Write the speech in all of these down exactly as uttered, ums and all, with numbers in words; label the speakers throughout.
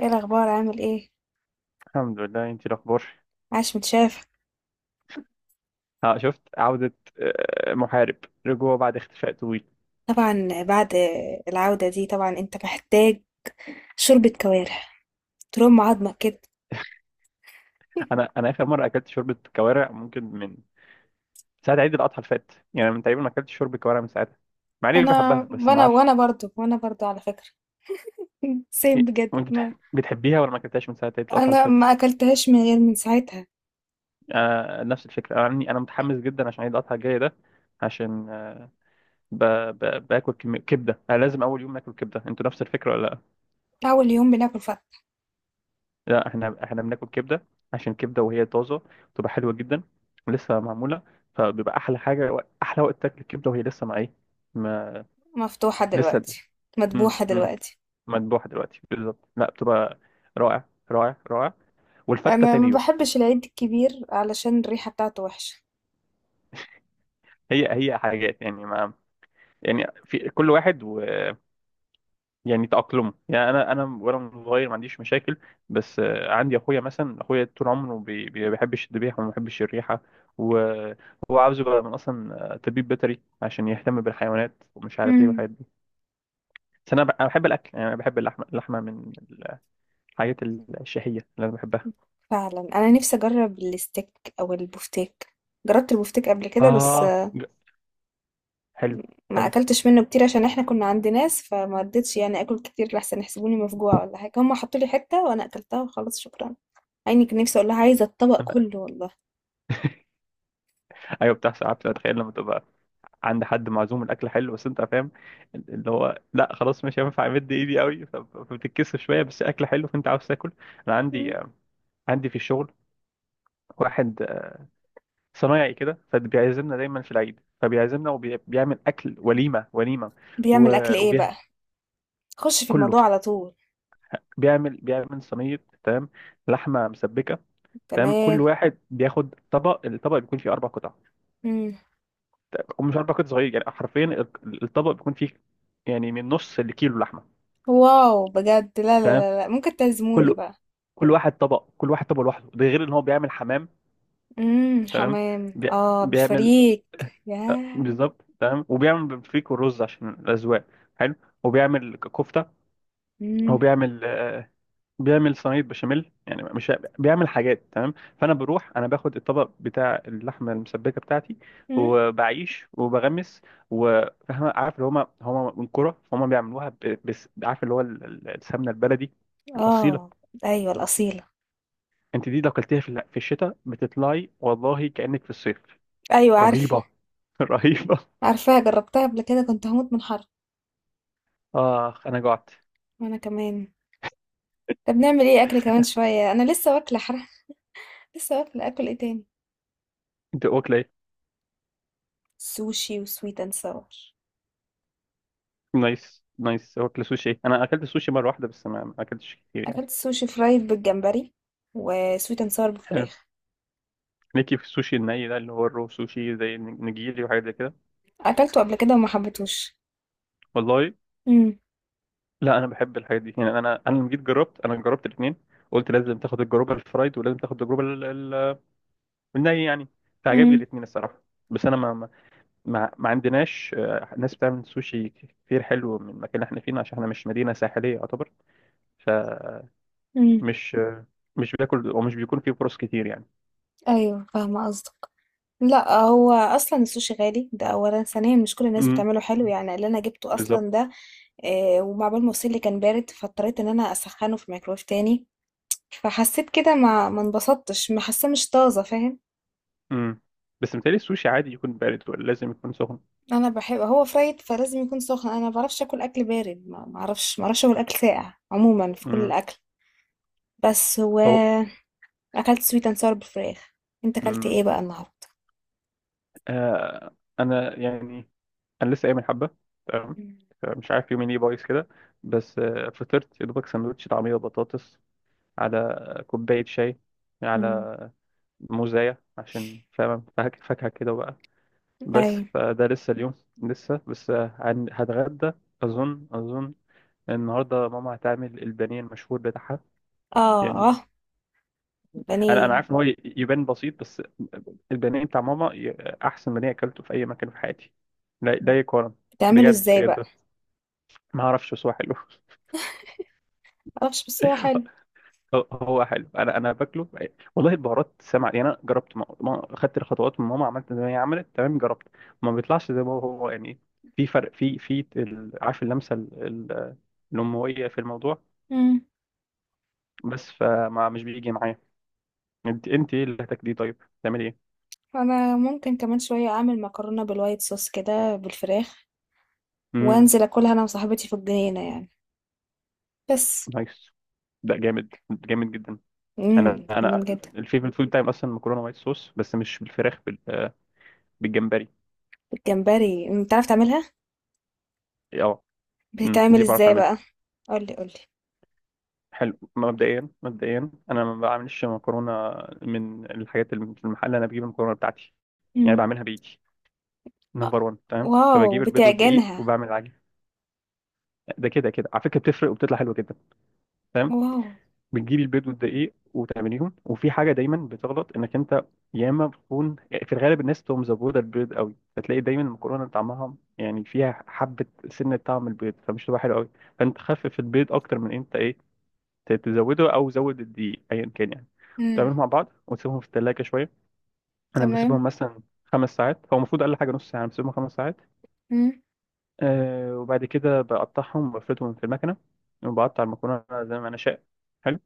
Speaker 1: ايه الاخبار؟ عامل ايه؟
Speaker 2: الحمد لله. انت الاخبار؟
Speaker 1: عاش، متشاف.
Speaker 2: اه، شفت عودة، آه، محارب، رجوع بعد اختفاء طويل.
Speaker 1: طبعا بعد العودة دي طبعا انت محتاج شوربة كوارع ترم عظمك كده.
Speaker 2: انا انا اخر مرة اكلت شوربة كوارع ممكن من ساعة عيد الاضحى اللي فات، يعني من تقريبا ما اكلتش شوربة كوارع من ساعتها، مع اني بحبها
Speaker 1: انا
Speaker 2: بس ما
Speaker 1: وانا
Speaker 2: اعرفش.
Speaker 1: وانا برضو وانا برضو على فكرة. سيم
Speaker 2: إيه،
Speaker 1: بجد
Speaker 2: وانت
Speaker 1: ما.
Speaker 2: بتح- بتحبيها ولا ما اكلتهاش من ساعة عيد الاضحى اللي
Speaker 1: انا
Speaker 2: فات؟
Speaker 1: ما اكلتهاش من غير من ساعتها.
Speaker 2: انا نفس الفكرة. انا عندي- انا متحمس جدا عشان عيد الاضحى الجاي ده. عشان آه، ب... ب... باكل كمية كبدة. انا لازم اول يوم اكل كبدة. انتوا نفس الفكرة ولا لا؟
Speaker 1: اول يوم بناكل فت...
Speaker 2: لا، احنا احنا بناكل كبده، عشان كبده وهي طازه بتبقى حلوه جدا، ولسه معموله، فبيبقى احلى حاجه. احلى وقت تاكل الكبده وهي لسه مع ايه، ما
Speaker 1: مفتوحة
Speaker 2: لسه.
Speaker 1: دلوقتي.
Speaker 2: مم.
Speaker 1: مذبوحة
Speaker 2: مم.
Speaker 1: دلوقتي.
Speaker 2: مذبوحه دلوقتي بالظبط، لا بتبقى رائع رائع رائع. والفته
Speaker 1: انا
Speaker 2: تاني
Speaker 1: ما
Speaker 2: يوم.
Speaker 1: بحبش العيد الكبير علشان الريحة بتاعته وحشة.
Speaker 2: هي هي حاجات يعني، ما يعني، في كل واحد يعني تأقلمه. يعني انا انا وانا صغير ما عنديش مشاكل، بس آه، عندي اخويا مثلا. اخويا طول عمره بي- بي- بيحبش الذبيحه وما بيحبش الريحه، وهو عاوز يبقى من اصلا آه، طبيب بيطري عشان يهتم بالحيوانات ومش عارف ايه
Speaker 1: مم.
Speaker 2: والحاجات دي. بس انا ب- انا بحب الاكل يعني. انا بحب اللحمه. اللحمه من الحاجات الشهيه اللي انا بحبها.
Speaker 1: فعلا انا نفسي اجرب الستيك او البفتيك. جربت البفتيك قبل كده بس
Speaker 2: آه ج- حلو.
Speaker 1: ما
Speaker 2: حلو،
Speaker 1: اكلتش منه كتير عشان احنا كنا عند ناس، فما رضيتش يعني اكل كتير لحسن يحسبوني مفجوعه ولا حاجه. هم حطوا لي حته وانا اكلتها وخلاص، شكرا. عيني كان نفسي اقول لها عايزه الطبق كله والله.
Speaker 2: ايوه بتحصل. عارف، اتخيل لما تبقى عند حد معزوم، الاكل حلو، بس انت فاهم اللي هو لا، خلاص مش هينفع امد ايدي قوي، ف- فبتتكسف شويه، بس اكل حلو، فانت عاوز تاكل. انا عندي،
Speaker 1: مم.
Speaker 2: عندي في الشغل واحد صنايعي كده، فبيعزمنا دايما في العيد، فبيعزمنا وبيعمل اكل وليمه وليمه.
Speaker 1: بيعمل اكل ايه
Speaker 2: وكله
Speaker 1: بقى؟ خش في
Speaker 2: كله
Speaker 1: الموضوع على طول.
Speaker 2: بيعمل بيعمل صينيه، تمام، لحمه مسبكه، تمام. كل
Speaker 1: تمام.
Speaker 2: واحد بياخد طبق. الطبق بيكون فيه اربع قطع،
Speaker 1: مم.
Speaker 2: ومش اربع قطع صغير يعني، حرفيا الطبق بيكون فيه يعني من نص الكيلو لحمه.
Speaker 1: واو بجد. لا لا لا لا، ممكن تعزموني
Speaker 2: كل
Speaker 1: بقى؟
Speaker 2: كل واحد طبق، كل واحد طبق لوحده، ده غير ان هو بيعمل حمام.
Speaker 1: امم،
Speaker 2: تمام.
Speaker 1: حمام
Speaker 2: بي...
Speaker 1: اه
Speaker 2: بيعمل.
Speaker 1: بالفريك.
Speaker 2: آه،
Speaker 1: ياه.
Speaker 2: بالظبط، تمام. وبيعمل بفريك والرز عشان الاذواق. حلو. وبيعمل ك- كفته. هو
Speaker 1: امم.
Speaker 2: بيعمل آه، بيعمل صينيه بشاميل يعني، مش بيعمل حاجات، تمام. فانا بروح، انا باخد الطبق بتاع اللحمه المسبكه بتاعتي، وبعيش وبغمس. وفاهم، عارف اللي هما هما من كرة فهم بيعملوها ب- بس، عارف اللي هو ال- ال- السمنه البلدي الاصيله.
Speaker 1: اه. ايوه الاصيله.
Speaker 2: انت دي لو اكلتيها في ال- في الشتاء بتطلعي والله كأنك في الصيف.
Speaker 1: ايوه عارف.
Speaker 2: رهيبة. رهيبة.
Speaker 1: عارفاها، جربتها قبل كده، كنت هموت من حر.
Speaker 2: اخ، انا جعت.
Speaker 1: وانا كمان. طب نعمل ايه؟ اكل كمان شوية؟ انا لسه واكلة حرام. لسه واكلة اكل ايه تاني؟
Speaker 2: انت واكله ايه؟
Speaker 1: سوشي وسويت اند ساور.
Speaker 2: نايس نايس. واكله سوشي. انا اكلت سوشي مره واحده بس، ما ما اكلتش كتير يعني.
Speaker 1: اكلت سوشي فرايد بالجمبري وسويت اند ساور
Speaker 2: حلو.
Speaker 1: بالفراخ.
Speaker 2: ليكي في السوشي الني ده، اللي هو الرو سوشي زي النجيري وحاجات زي كده؟
Speaker 1: اكلته قبل كده وما حبيتهوش.
Speaker 2: والله.
Speaker 1: امم.
Speaker 2: لا، انا بحب الحاجات دي يعني. انا انا لما جيت جربت، انا جربت الاثنين. قلت لازم تاخد التجربه الفرايد، ولازم تاخد التجربه ال- ال- الني يعني. فعجبني
Speaker 1: امم.
Speaker 2: الاثنين الصراحه. بس انا ما ما ما, ما عندناش آه، ناس بتعمل سوشي كتير حلو من المكان اللي احنا فيه، عشان احنا مش مدينة ساحلية يعتبر، فمش
Speaker 1: امم.
Speaker 2: آه، مش بياكل ومش بيكون فيه فرص كتير يعني.
Speaker 1: ايوه فاهمة قصدك. لا هو اصلا السوشي غالي ده اولا، ثانيا مش كل الناس
Speaker 2: امم،
Speaker 1: بتعمله حلو، يعني اللي انا جبته
Speaker 2: بالظبط.
Speaker 1: اصلا ده آه، ومع بال ما وصل لي كان بارد، فاضطريت ان انا اسخنه في ميكرويف تاني. فحسيت كده ما ما انبسطتش، ما حاسه مش طازه، فاهم.
Speaker 2: امم. بس متهيألي السوشي عادي يكون بارد، ولا لازم يكون سخن؟
Speaker 1: انا بحب هو فرايد فلازم يكون سخن. انا ما بعرفش اكل اكل بارد، ما ما اعرفش، ما اعرفش اكل اكل ساقع عموما في كل
Speaker 2: امم.
Speaker 1: الاكل. بس هو
Speaker 2: هو.
Speaker 1: اكلت سويت اند ساور بالفراخ. انت اكلت
Speaker 2: امم.
Speaker 1: ايه بقى النهارده؟
Speaker 2: آه، انا يعني، انا لسه قايم من حبة. تمام.
Speaker 1: مم.
Speaker 2: مش عارف يومي ليه بايظ كده، بس آه، فطرت يا دوبك سندوتش طعمية وبطاطس على كوباية شاي،
Speaker 1: مم.
Speaker 2: على موزاية عشان فاهم فاك- فاكهة كده بقى. بس
Speaker 1: اي.
Speaker 2: فده لسه اليوم، لسه، بس هن- هتغدى. أظن، أظن النهاردة ماما هتعمل البانيه المشهور بتاعها.
Speaker 1: اه. اه.
Speaker 2: يعني أنا أنا
Speaker 1: بانيه.
Speaker 2: عارف إن هو ي- يبان بسيط، بس البانيه بتاع ماما ي- أحسن بانيه أكلته في أي مكان في حياتي. لا لا
Speaker 1: مم.
Speaker 2: يقارن.
Speaker 1: بتعمله
Speaker 2: بجد
Speaker 1: ازاي بقى؟
Speaker 2: بجد. ما أعرفش، بس هو حلو.
Speaker 1: معرفش بس هو حلو.
Speaker 2: هو هو حلو. انا انا باكله والله. البهارات سمع يعني. انا جربت، ما... ما... خدت الخطوات من ماما، عملت زي ما هي عملت، تمام، جربت، ما بيطلعش زي ما هو يعني. في فرق في في ال- عارف اللمسه ال... ال... الامويه في الموضوع
Speaker 1: مم.
Speaker 2: بس. فما مش بيجي معايا. انت انت ايه اللي هتاكليه طيب؟ تعملي ايه؟
Speaker 1: انا ممكن كمان شويه اعمل مكرونه بالوايت صوص كده بالفراخ
Speaker 2: امم.
Speaker 1: وانزل اكلها انا وصاحبتي في الجنينه يعني. بس
Speaker 2: نايس. ده جامد جامد جدا. انا
Speaker 1: امم، جميل
Speaker 2: انا
Speaker 1: جدا.
Speaker 2: الفيفورت فود بتاعي اصلا مكرونه وايت صوص، بس مش بالفراخ، بال... بالجمبري.
Speaker 1: الجمبري انت عارف تعملها؟
Speaker 2: اه، أمم،
Speaker 1: بتتعمل
Speaker 2: دي بعرف.
Speaker 1: ازاي بقى؟ قولي قولي.
Speaker 2: حلو، مبدئيا مبدئيا انا ما بعملش مكرونه من الحاجات اللي في المحل. انا بجيب المكرونه بتاعتي يعني،
Speaker 1: مم.
Speaker 2: بعملها بايدي.
Speaker 1: آه،
Speaker 2: نمبر واحد، تمام.
Speaker 1: واو
Speaker 2: فبجيب البيض والدقيق
Speaker 1: بتعجنها!
Speaker 2: وبعمل العجين. ده كده كده على فكره بتفرق وبتطلع حلوه جدا. تمام.
Speaker 1: واو.
Speaker 2: بتجيبي البيض والدقيق وتعمليهم، وفي حاجه دايما بتغلط انك انت يا اما بتكون، في الغالب الناس تقوم مزبوطه البيض قوي، فتلاقي دايما المكرونه طعمها يعني فيها حبه سنه طعم البيض، فمش تبقى حلوه قوي. فانت خفف البيض اكتر من انت ايه، ت- تزوده او زود الدقيق ايا كان يعني.
Speaker 1: مم.
Speaker 2: وتعملهم مع بعض وتسيبهم في الثلاجه شويه. انا
Speaker 1: تمام.
Speaker 2: بسيبهم مثلا خمس ساعات، هو المفروض اقل حاجه نص ساعه، أنا بسيبهم خمس ساعات.
Speaker 1: مم.
Speaker 2: أه، وبعد كده بقطعهم وبفردهم في المكنه، وبقطع المكرونه زي ما انا شاء. حلو.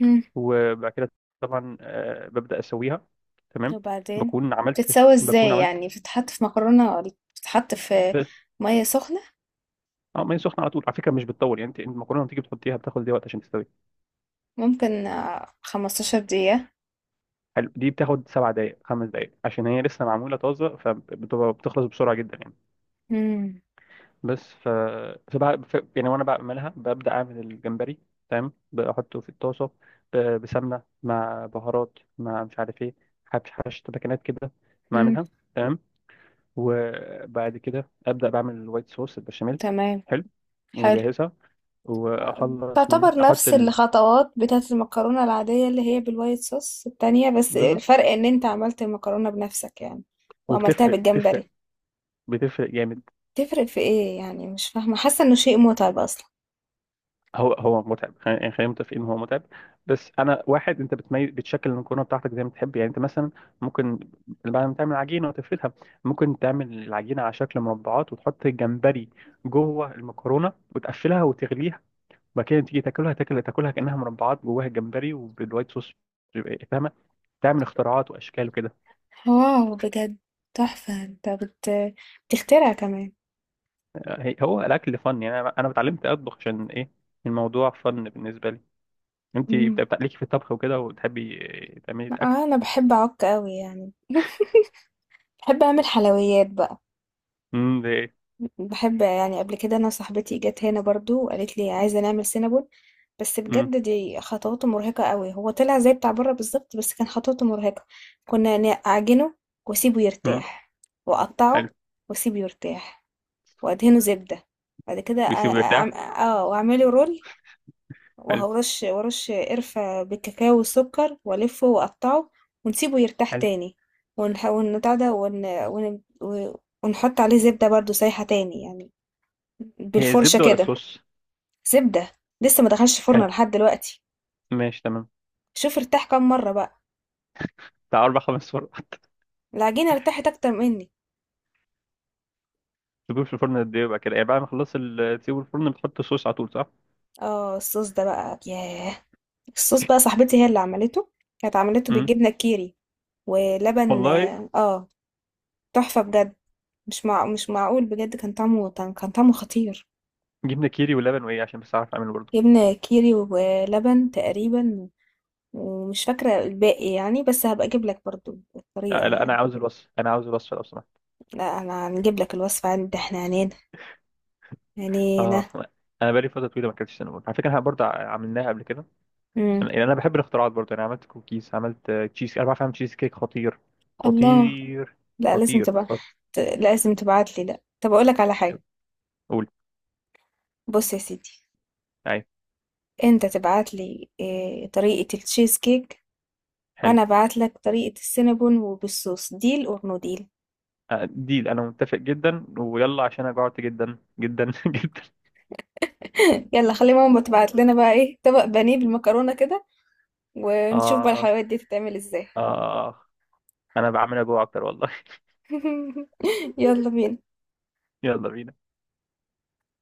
Speaker 1: مم.
Speaker 2: وبعد كده طبعا أه ببدا اسويها، تمام.
Speaker 1: وبعدين؟
Speaker 2: بكون عملت
Speaker 1: بتتسوى
Speaker 2: بكون
Speaker 1: ازاي
Speaker 2: عملت.
Speaker 1: يعني؟ بتتحط في مكرونة ولا بتتحط في مية سخنة؟
Speaker 2: اه، ما هي سخنه على طول على فكره، مش بتطول يعني. انت المكرونه لما تيجي بتحطيها، بتاخد دي وقت عشان تستوي.
Speaker 1: ممكن آه، خمسة عشر دقيقة.
Speaker 2: حلو. دي بتاخد سبع دقائق، خمس دقائق، عشان هي لسه معموله طازه فبتبقى بتخلص بسرعه جدا يعني.
Speaker 1: مم.
Speaker 2: بس ف... فبع... ف... يعني وانا بعملها ببدا اعمل الجمبري، تمام، بحطه في الطاسه ب... بسمنه مع بهارات، مع مش عارف ايه، حبش حبش تبكنات كده،
Speaker 1: مم.
Speaker 2: بعملها، تمام. وبعد كده ابدا بعمل الوايت صوص، البشاميل.
Speaker 1: تمام.
Speaker 2: حلو.
Speaker 1: حلو.
Speaker 2: وبجهزها،
Speaker 1: آه،
Speaker 2: واخلص من دي
Speaker 1: تعتبر
Speaker 2: احط
Speaker 1: نفس
Speaker 2: الرز.
Speaker 1: الخطوات بتاعة المكرونة العادية اللي هي بالوايت صوص التانية، بس
Speaker 2: ده،
Speaker 1: الفرق ان انت عملت المكرونة بنفسك يعني. وعملتها
Speaker 2: وبتفرق، بتفرق،
Speaker 1: بالجمبري.
Speaker 2: بتفرق جامد.
Speaker 1: تفرق في إيه يعني؟ مش فاهمة، حاسة إنه شيء متعب أصلًا.
Speaker 2: هو هو متعب، خلينا يعني، خلينا متفقين ان هو متعب، بس انا واحد، انت بتميز، بتشكل المكرونه بتاعتك زي ما تحب يعني. انت مثلا ممكن بعد ما تعمل عجينه وتفردها، ممكن تعمل العجينه على شكل مربعات وتحط الجمبري جوه المكرونه وتقفلها وتغليها، وبعد كده تيجي تاكلها، تاكل تاكلها كانها مربعات جواها الجمبري وبالوايت صوص. بيبقى- إيه، فاهمه، تعمل اختراعات واشكال وكده.
Speaker 1: واو بجد، تحفة. انت بت... بتخترع كمان؟
Speaker 2: هي- هو الاكل فن يعني. انا أنا اتعلمت اطبخ عشان ايه؟ الموضوع فن بالنسبه لي. انت بت-
Speaker 1: مم.
Speaker 2: بت- ليكي في الطبخ وكده، وتحبي إيه، تعملي
Speaker 1: آه، أنا بحب أعك أوي يعني. بحب أعمل حلويات بقى.
Speaker 2: الاكل؟
Speaker 1: بحب يعني. قبل كده أنا صاحبتي جت هنا برضو وقالت لي عايزة نعمل سينابون، بس
Speaker 2: امم.
Speaker 1: بجد دي خطواته مرهقة أوي. هو طلع زي بتاع بره بالظبط، بس كان خطواته مرهقة. كنا نعجنه وأسيبه
Speaker 2: امم.
Speaker 1: يرتاح،
Speaker 2: حلو.
Speaker 1: وأقطعه وأسيبه يرتاح، وادهنه زبدة. بعد كده أ-
Speaker 2: ويسيبه يرتاح.
Speaker 1: أعم- اه واعمله رول،
Speaker 2: حلو.
Speaker 1: وهرش ورش قرفة بالكاكاو والسكر، والفه واقطعه. ونسيبه يرتاح
Speaker 2: حلو.
Speaker 1: تاني. ونح... ونبتاع ده ون... ون... و- ونحط عليه زبدة برضو سايحة تاني يعني،
Speaker 2: هي
Speaker 1: بالفرشة
Speaker 2: الزبده ولا
Speaker 1: كده.
Speaker 2: الصوص؟
Speaker 1: زبدة. لسه ما دخلش الفرن
Speaker 2: حلو.
Speaker 1: لحد دلوقتي.
Speaker 2: ماشي تمام.
Speaker 1: شوف ارتاح كام مرة بقى.
Speaker 2: بتاع اربع خمس فرق.
Speaker 1: العجينة ارتاحت اكتر مني.
Speaker 2: تسيبوه في الفرن قد ايه بقى كده يعني؟ بعد ما خلص ال- تسيبه في الفرن، بتحط الصوص على طول، صح؟
Speaker 1: اه الصوص ده بقى، ياه. الصوص بقى صاحبتي هي اللي عملته. كانت عملته
Speaker 2: امم.
Speaker 1: بالجبنة الكيري ولبن.
Speaker 2: والله.
Speaker 1: اه، تحفة بجد. مش مع... مش معقول بجد، كان طعمه، كان كان طعمه خطير.
Speaker 2: جبنه كيري ولبن، وايه عشان بس اعرف اعمله برضه؟
Speaker 1: جبنة كيري ولبن تقريبا، ومش فاكرة الباقي يعني، بس هبقى اجيب لك برضو الطريقة
Speaker 2: لا, لا انا
Speaker 1: يعني.
Speaker 2: عاوز الوصف، انا عاوز الوصف لو سمحت.
Speaker 1: لا انا هنجيب لك الوصفة، عندي احنا عنينا عنينا.
Speaker 2: اه، انا بقالي فتره طويله ما اكلتش سينابون على فكره. احنا برضه ع- عملناها قبل كده.
Speaker 1: مم.
Speaker 2: انا يعني، أنا بحب الاختراعات برضه. انا عملت كوكيز، عملت آه، تشيز، انا بعرف اعمل تشيز كيك خطير.
Speaker 1: الله.
Speaker 2: خطير.
Speaker 1: لا لازم
Speaker 2: خطير
Speaker 1: تبقى
Speaker 2: خطير.
Speaker 1: ت- لازم تبعت لي. لا طب اقول لك على حاجة.
Speaker 2: قول.
Speaker 1: بص يا سيدي،
Speaker 2: ايوه.
Speaker 1: انت تبعت لي إيه طريقة التشيز كيك،
Speaker 2: حلو.
Speaker 1: وانا ابعت لك طريقة السينابون وبالصوص، ديل اور نو ديل.
Speaker 2: آه، ديل، انا متفق جدا. ويلا، عشان انا جوعت جدا جدا جدا.
Speaker 1: يلا خلي ماما تبعت لنا بقى ايه، طبق بانيه بالمكرونة كده، ونشوف بقى
Speaker 2: اه.
Speaker 1: الحلويات دي تتعمل ازاي.
Speaker 2: اه. انا بعمل اجوع اكتر والله.
Speaker 1: يلا بينا.
Speaker 2: يلا بينا.